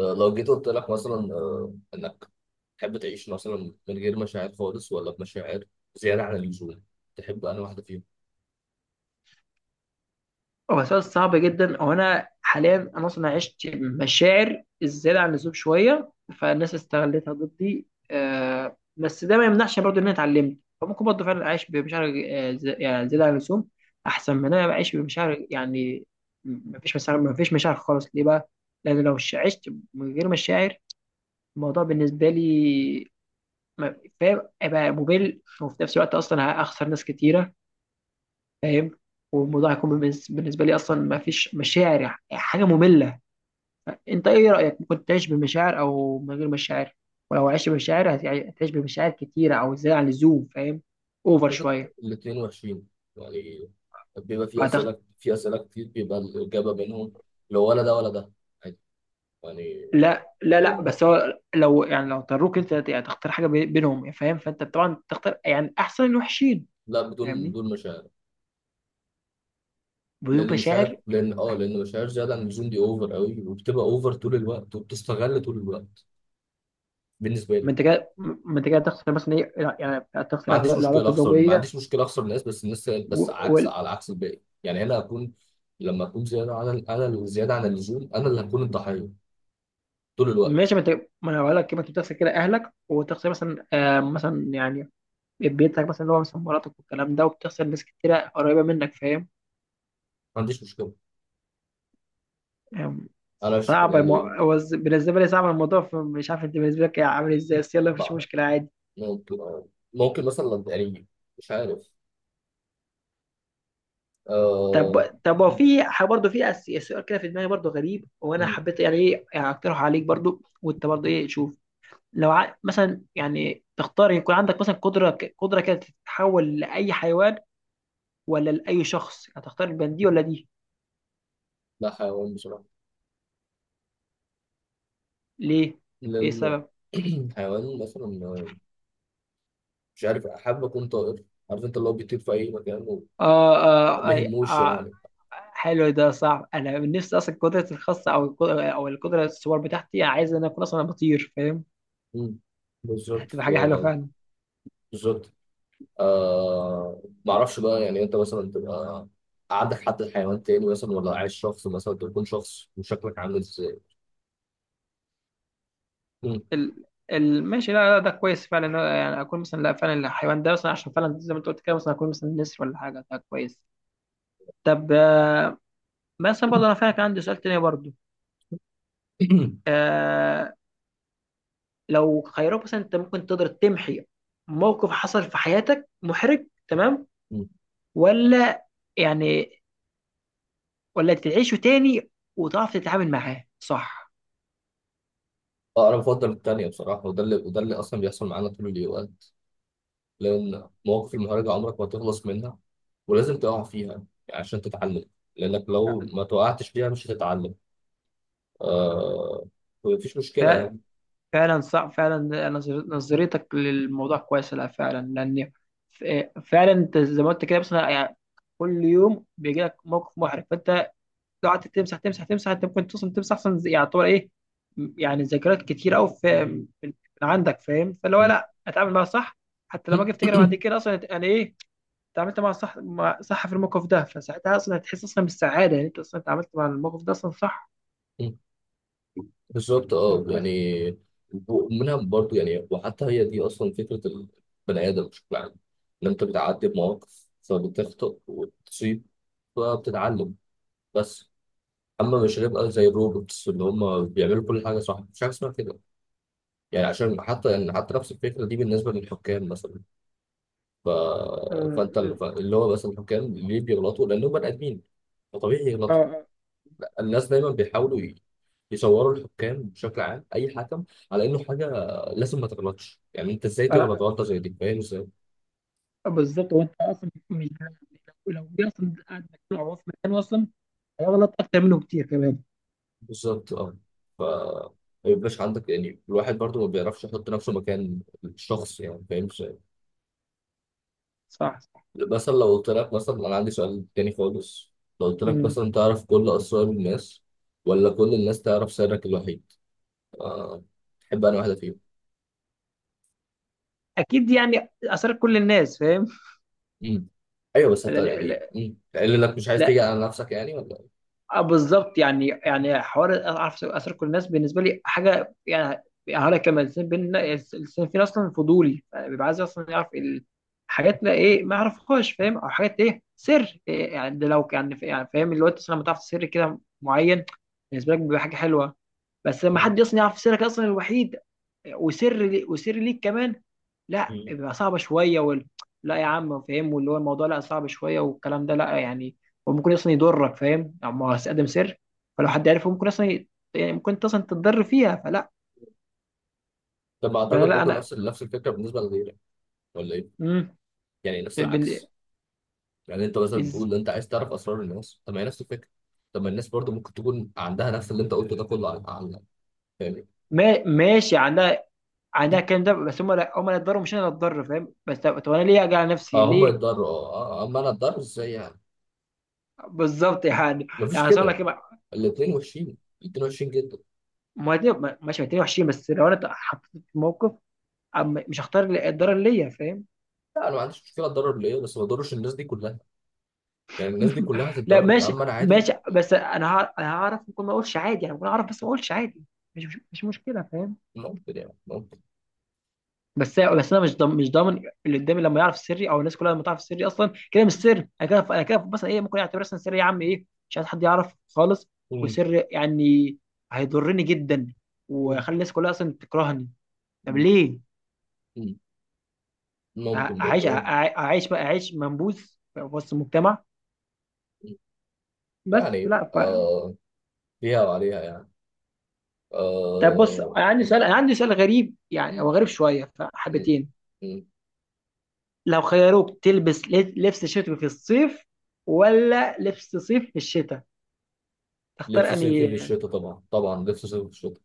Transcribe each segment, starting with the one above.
لو جيت قلت لك مثلا انك تحب تعيش مثلا من غير مشاعر خالص ولا بمشاعر زياده عن اللزوم تحب انا واحده فيهم. هو سؤال صعب جدا. هو انا حاليا انا اصلا عشت مشاعر الزياده عن اللزوم شويه، فالناس استغلتها ضدي. آه، بس ده ما يمنعش برضه ان انا اتعلمت، فممكن برضه فعلا اعيش بمشاعر يعني زياده عن اللزوم، احسن من إن انا بعيش بمشاعر يعني ما فيش مشاعر. ما فيش مشاعر خالص ليه بقى؟ لان لو عشت من غير مشاعر، الموضوع بالنسبه لي فاهم، هيبقى ممل، وفي نفس الوقت اصلا هخسر ناس كتيره، فاهم. والموضوع هيكون بالنسبه لي اصلا ما فيش مشاعر يعني حاجه ممله. انت ايه رايك، ممكن تعيش بمشاعر او من غير مشاعر؟ ولو عشت بمشاعر، هتعيش بمشاعر كتيره او زياده عن اللزوم، فاهم، اوفر اعتقد شويه. الاثنين وحشين، يعني بيبقى في فهتخ... اسئله في اسئله كتير بيبقى الاجابه بينهم، لو ولا ده ولا ده عادي يعني. لا لا، لان بس هو لو يعني لو اضطروك انت يعني تختار حاجه بينهم، فاهم، فانت طبعا تختار يعني احسن الوحشين. لا بدون فاهمني، بدون مشاعر. بدون لان مشاعر مشاعر. لان لان مشاعر زياده عن اللزوم دي اوفر قوي وبتبقى اوفر طول الوقت وبتستغل طول الوقت بالنسبه ما لي. انت كده، ما انت كده تخسر مثلا ايه، يعني ما تخسر عنديش مشكله العلاقه اخسر، ما الزوجيه. عنديش مشكله اخسر الناس، بس الناس بس عكس على عكس الباقي، يعني انا هكون لما اكون زياده عن انا اللي زياده عن اللزوم انا اللي هكون الضحيه طول الوقت. ماشي، ما انت، ما انا بقول لك، ما انت بتغسل كده اهلك، وتغسل مثلا آه مثلا يعني بيتك مثلا اللي هو مثلا مراتك والكلام ده، وبتغسل ناس كتيرة قريبة منك، فاهم. ما عنديش مشكله. آم، انا صعب المو... يعني هو ز- بالنسبة لي صعب الموضوع، فمش عارف انت بالنسبة لك عامل ازاي، بس يلا ما مفيش أعرف. مشكلة عادي. ممكن، ممكن مثلا يعني مش عارف آه... طب هو م- في برضه في سؤال كده في دماغي برضه غريب، وانا م- حبيت يعني ايه يعني اقترح عليك برضه، وانت برضه ايه، شوف. مثلا يعني تختار يكون عندك مثلا قدرة قدرة كده تتحول لأي حيوان، ولا لأي شخص؟ هتختار بين دي ولا دي؟ لا حيوان بصراحه. ليه؟ ايه لان السبب؟ حيوان مثلا مش عارف حابب اكون طائر، عارف انت اللي هو بيطير في اي مكان وما اه، اه, آه، بيهموش آه. يعني. حلو، ده صعب. انا من نفسي اصلا قدرتي الخاصه او او القدره السوبر بتاعتي، عايز ان انا اكون اصلا بطير، فاهم. م. بالظبط هتبقى حاجه حلوه آه، فعلا. بالظبط. آه معرفش بقى، يعني انت مثلا تبقى عندك حد حيوان تاني مثلا، ولا عايش شخص مثلا تكون شخص وشكلك عامل ازاي؟ مم. ال... ماشي، لا ده كويس فعلا، إن أنا يعني اكون مثلا، لا فعلا الحيوان ده مثلا، عشان فعلا زي ما انت قلت كده، مثلا اكون مثلا نسر ولا حاجه، ده كويس. طب آه، مثلا برضه انا فعلا كان عندي سؤال تاني برضه. آه، لو خيروك مثلا، انت ممكن تقدر تمحي موقف حصل في حياتك محرج تمام، مم. ولا يعني ولا تعيشه تاني وتعرف تتعامل معاه صح؟ اه انا بفضل التانية بصراحة، وده اللي وده اللي اصلا بيحصل معانا طول الوقت. لان مواقف المهرجة عمرك ما تخلص منها ولازم تقع فيها عشان تتعلم، لانك لا، لو ما توقعتش فيها مش هتتعلم. آه، مفيش مشكلة ف- يعني. فعلا صح، فعلا نظرتك للموضوع كويسة. لا فعلا، لأن ف- فعلا أنت زي ما أنت كده مثلا يعني كل يوم بيجي لك موقف محرج، فأنت لو قعدت تمسح تمسح، أنت ممكن توصل تمسح أصلا، زي- يعتبر إيه، يعني ذكريات كتير أوي في من عندك، فاهم. فاللي هو لا، أتعامل معاها صح. حتى لما أجي أفتكر بعد كده أصلا أنا إيه، اتعاملت مع صح، مع صح في الموقف ده، فساعتها أصلا هتحس أصلا بالسعادة، يعني أنت أصلا اتعاملت مع الموقف ده أصلا صح. بالظبط طب اه كويس. يعني، ومنها برضو يعني. وحتى هي دي اصلا فكره البني ادم بشكل عام، ان انت بتعدي بمواقف فبتخطئ وتصيب فبتتعلم، بس اما مش هنبقى زي الروبوتس اللي هم بيعملوا كل حاجه صح، مش حاجه اسمها كده يعني. عشان حتى يعني حتى نفس الفكره دي بالنسبه للحكام مثلا، ف... فانت اه اللي هو مثلا الحكام ليه بيغلطوا؟ لانهم بني ادمين، فطبيعي يغلطوا. اه، الناس دايما بيحاولوا يصوروا الحكام بشكل عام، اي حكم، على انه حاجه لازم ما تغلطش. يعني انت ازاي تغلط آه، غلطه زي دي؟ فاهم ازاي؟ آه، بالظبط. هو انت اصلا مش، لو دي اصلا قاعد مجموعه هو في مكان اصلا، هيغلط اكتر منه كتير كمان. بالظبط اه. ف ما يبقاش عندك يعني، الواحد برضو ما بيعرفش يحط نفسه مكان الشخص يعني، فاهم ازاي؟ صح صح. مثلا لو قلت لك مثلا انا عندي سؤال تاني خالص. لو قلت لك مم. مثلا تعرف كل اسرار الناس، ولا كل الناس تعرف سرك الوحيد، أه، تحب انا واحده فيهم؟ اكيد يعني اثرت كل الناس، فاهم. مم. ايوه بس انت لا, يعني، لا, تقول لك مش عايز تيجي لا. على نفسك يعني، ولا آه، بالظبط، يعني يعني حوار اعرف اثر كل الناس بالنسبه لي حاجه يعني، يعني هقول لك كمان، الانسان بينا، الانسان فينا اصلا فضولي، يعني بيبقى عايز اصلا يعرف حاجاتنا ايه ما يعرفهاش، فاهم، او حاجات ايه سر إيه يعني. ده لو كان يعني فاهم اللي هو أنت أصلاً لما تعرف سر كده معين بالنسبه لك بيبقى حاجه حلوه، بس لما حد اصلا يعرف سرك اصلا الوحيد، وسر لي وسر ليك كمان، لا مم. بيبقى صعبه شويه. لا يا عم فاهم، واللي هو الموضوع لا صعب شويه والكلام ده لا يعني، هو ممكن اصلا يضرك، فاهم، اما هتقدم سر فلو حد عرفه ممكن يعني ممكن انت اصلا تتضر فيها، فلا. لما فانا اعتقد لا برضه انا، نفس الفكره بالنسبه لغيرك، ولا ايه؟ امم. يعني نفس بال... العكس. يعني انت مثلا بتقول إز... ان انت عايز تعرف اسرار الناس، طب ما هي نفس الفكره، طب ما الناس برضه ممكن تكون عندها نفس اللي انت قلته ده كله عن عنك يعني. ما... ماشي، عندها، عندها الكلام ده، بس هم لا، هم لا اتضروا، مش انا اللي اتضر، فاهم. بس طب، طب انا ليه اجي على نفسي اه هم ليه؟ يتضروا اه، آه، آه، اما انا اتضرر ازاي يعني؟ بالظبط يعني، مفيش يعني صار لك كده. إيه؟ ما الاثنين وحشين، الاثنين وحشين جدا. ماشي، ما 22 بس لو انا اتحطيت في موقف، أم مش هختار الدار اللي الضرر ليا، فاهم. لا انا ما عنديش مشكله اتضرر ليه، بس ما اضرش الناس دي كلها، يعني الناس دي كلها لا هتتضرر ماشي، اما انا عادي. ماشي. بس انا انا هعرف، ممكن ما اقولش عادي، يعني ممكن اعرف بس ما اقولش عادي. مش مشكله، فاهم. ممكن يعني ممكن. بس انا مش ضامن، مش ضامن اللي قدامي لما يعرف سري، او الناس كلها لما تعرف سري اصلا كده مش سر. انا كده، انا كده مثلا ايه، ممكن اعتبر مثلا سري يا عم ايه، مش عايز حد يعرف خالص. مم. وسر يعني هيضرني جدا مم. وخلي الناس كلها اصلا تكرهني، طب ليه؟ مم. ممكن اعيش برضه آه. اعيش بقى اعيش منبوذ في وسط المجتمع، بس يعني لا. آه، فيها وعليها يعني. طب بص، آه... انا عندي م- سؤال، انا عندي سؤال غريب يعني، م- هو غريب شويه م- فحبتين. م. لو خيروك تلبس لبس شتوي في الصيف، ولا لبس صيف في الشتاء، لبس تختار اني؟ صيفي في الشتاء، طبعا طبعا لبس صيفي في الشتاء.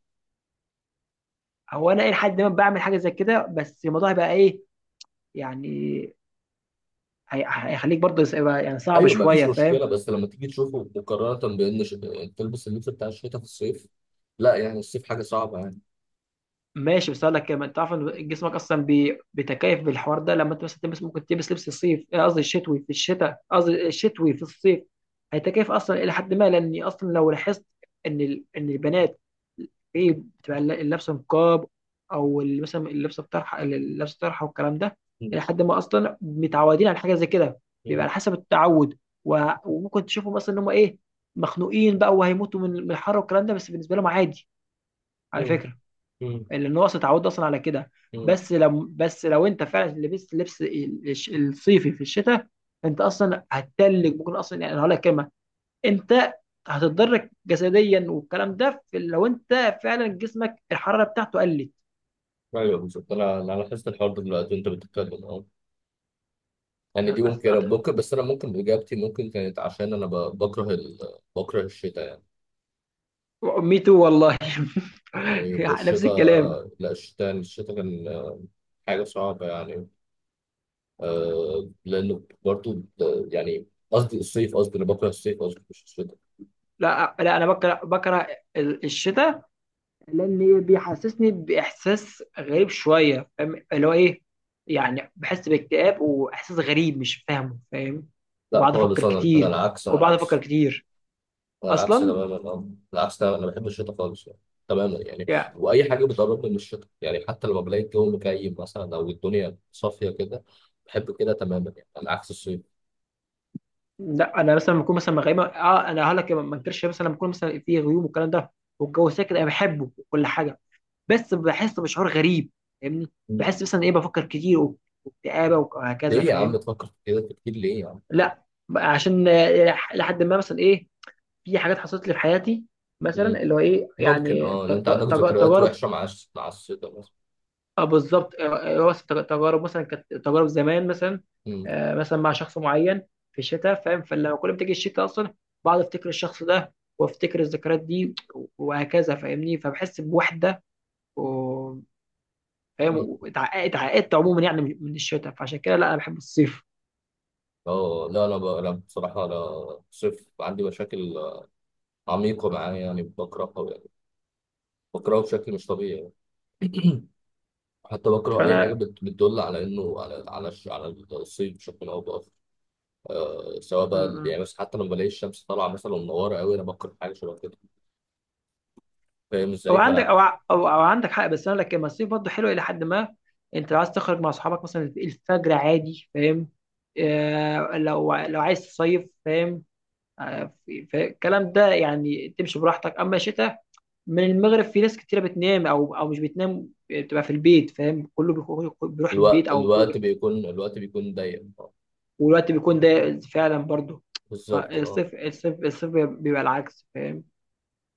هو انا الى حد ما بعمل حاجه زي كده، بس الموضوع هيبقى ايه يعني، هيخليك برضه يبقى يعني صعب ايوه ما فيش شويه، مشكله، فاهم. بس لما تيجي تشوفه مقارنه بان تلبس اللبس بتاع الشتاء في الصيف، لا يعني الصيف حاجه صعبه يعني. ماشي، بس اقول لك كمان، تعرف ان جسمك اصلا بيتكيف بالحوار ده. لما انت مثلا تلبس، ممكن تلبس لبس الصيف، آه، قصدي الشتوي في الشتاء، قصدي الشتوي في الصيف، هيتكيف اصلا الى حد ما. لان اصلا لو لاحظت ان ان البنات ايه، بتبقى اللبسه نقاب، او مثلا اللبسه بطرحه، اللبسه طرحه والكلام ده، م- الى حد ما اصلا متعودين على حاجه زي كده، بيبقى على م- حسب التعود. وممكن تشوفهم مثلا ان هم ايه، مخنوقين بقى وهيموتوا من الحر والكلام ده، بس بالنسبه لهم عادي، على م- فكره. م- لان هو اصلا اتعودنا اصلا على كده. م. بس لو انت فعلا لبست لبس الصيفي في الشتاء، انت اصلا هتتلج، ممكن اصلا يعني هقول لك كلمه، انت هتتضرر جسديا والكلام ده، في لو انت فعلا جسمك الحراره بتاعته قلت. ايوه بالظبط، انا لاحظت الحوار ده دلوقتي وانت بتتكلم اه. يعني يعني دي ممكن ممكن، بس انا ممكن اجابتي ممكن كانت عشان انا بكره بكره الشتاء يعني. ميتو والله. يعني نفس الشتاء، الكلام. لا الشتاء الشتاء كان حاجه صعبه يعني، لانه برضو يعني قصدي الصيف، قصدي انا بكره الصيف، قصدي مش الشتاء. لا لا، انا بكره الشتاء، لان بيحسسني باحساس غريب شويه، فاهم، اللي هو ايه، يعني بحس باكتئاب واحساس غريب مش فاهمه، فاهم. لا وبقعد افكر خالص، انا كتير، العكس، انا وبقعد افكر العكس، كتير انا العكس اصلا تماما، اه العكس تماما، انا بحب الشتاء خالص يعني. تماما يعني. يعني. واي حاجه بتقربني من الشتاء يعني، حتى لما بلاقي الجو مكيف مثلا او الدنيا صافيه كده بحب كده تماما يعني، على عكس الصيف. لا انا مثلا لما بكون مثلا غايمه، اه انا هقول لك ما انكرش، مثلا لما بكون مثلا في غيوم والكلام ده والجو ساكت، انا بحبه وكل حاجه، بس بحس بشعور غريب، فاهمني، مم. بحس مثلا ايه بفكر كتير واكتئابه وهكذا، ليه يا عم فاهم. تفكر في كده كتير؟ ليه يا عم؟ لا، عشان آه، لحد ما مثلا ايه، في حاجات حصلت لي في حياتي، مثلا مم. اللي هو ايه ممكن يعني اه، لان انت عندك ذكريات تجارب. وحشه مع مع الشتاء مثلا. آه، بالظبط، آه، آه، بس تجارب مثلا، كانت تجارب زمان مثلا، مم. آه، مثلا مع شخص معين في الشتاء، فاهم، فلما كل ما تيجي الشتاء اصلا، بقعد افتكر الشخص ده وافتكر الذكريات دي وهكذا، فاهمني، فبحس بوحده. و- فاهم، مم. اتعقدت عموما يعني من الشتاء، فعشان كده لا انا بحب الصيف. اه لا، انا أنا بصراحه انا صيف عندي مشاكل عميقة معايا، يعني بقرأ قوي يعني، بقرأه بشكل مش طبيعي يعني. حتى بقرأ أي حاجة فانا بتدل على إنه على على على الصيف بشكل أو بآخر. آه سواء بقى م. يعني، بس حتى لما بلاقي الشمس طالعة مثلا منورة قوي أنا بقرأ حاجة شبه كده. فاهم او إزاي؟ عندك، فأنا او ع- او او عندك حق، بس انا لك لما الصيف برضه حلو الى حد ما. انت لو عايز تخرج مع اصحابك مثلا الفجر عادي، فاهم، آه، لو لو عايز تصيف، فاهم، آه الكلام ده يعني، تمشي براحتك، اما الشتاء من المغرب في ناس كتيره بتنام، او مش بتنام بتبقى في البيت، فاهم، كله بيروح البيت، الوقت او الوقت بيكون، الوقت بيكون ضيق، آه، والوقت بيكون ده فعلا برضه. بالظبط اه. فالصيف، الصيف بيبقى العكس، فاهم.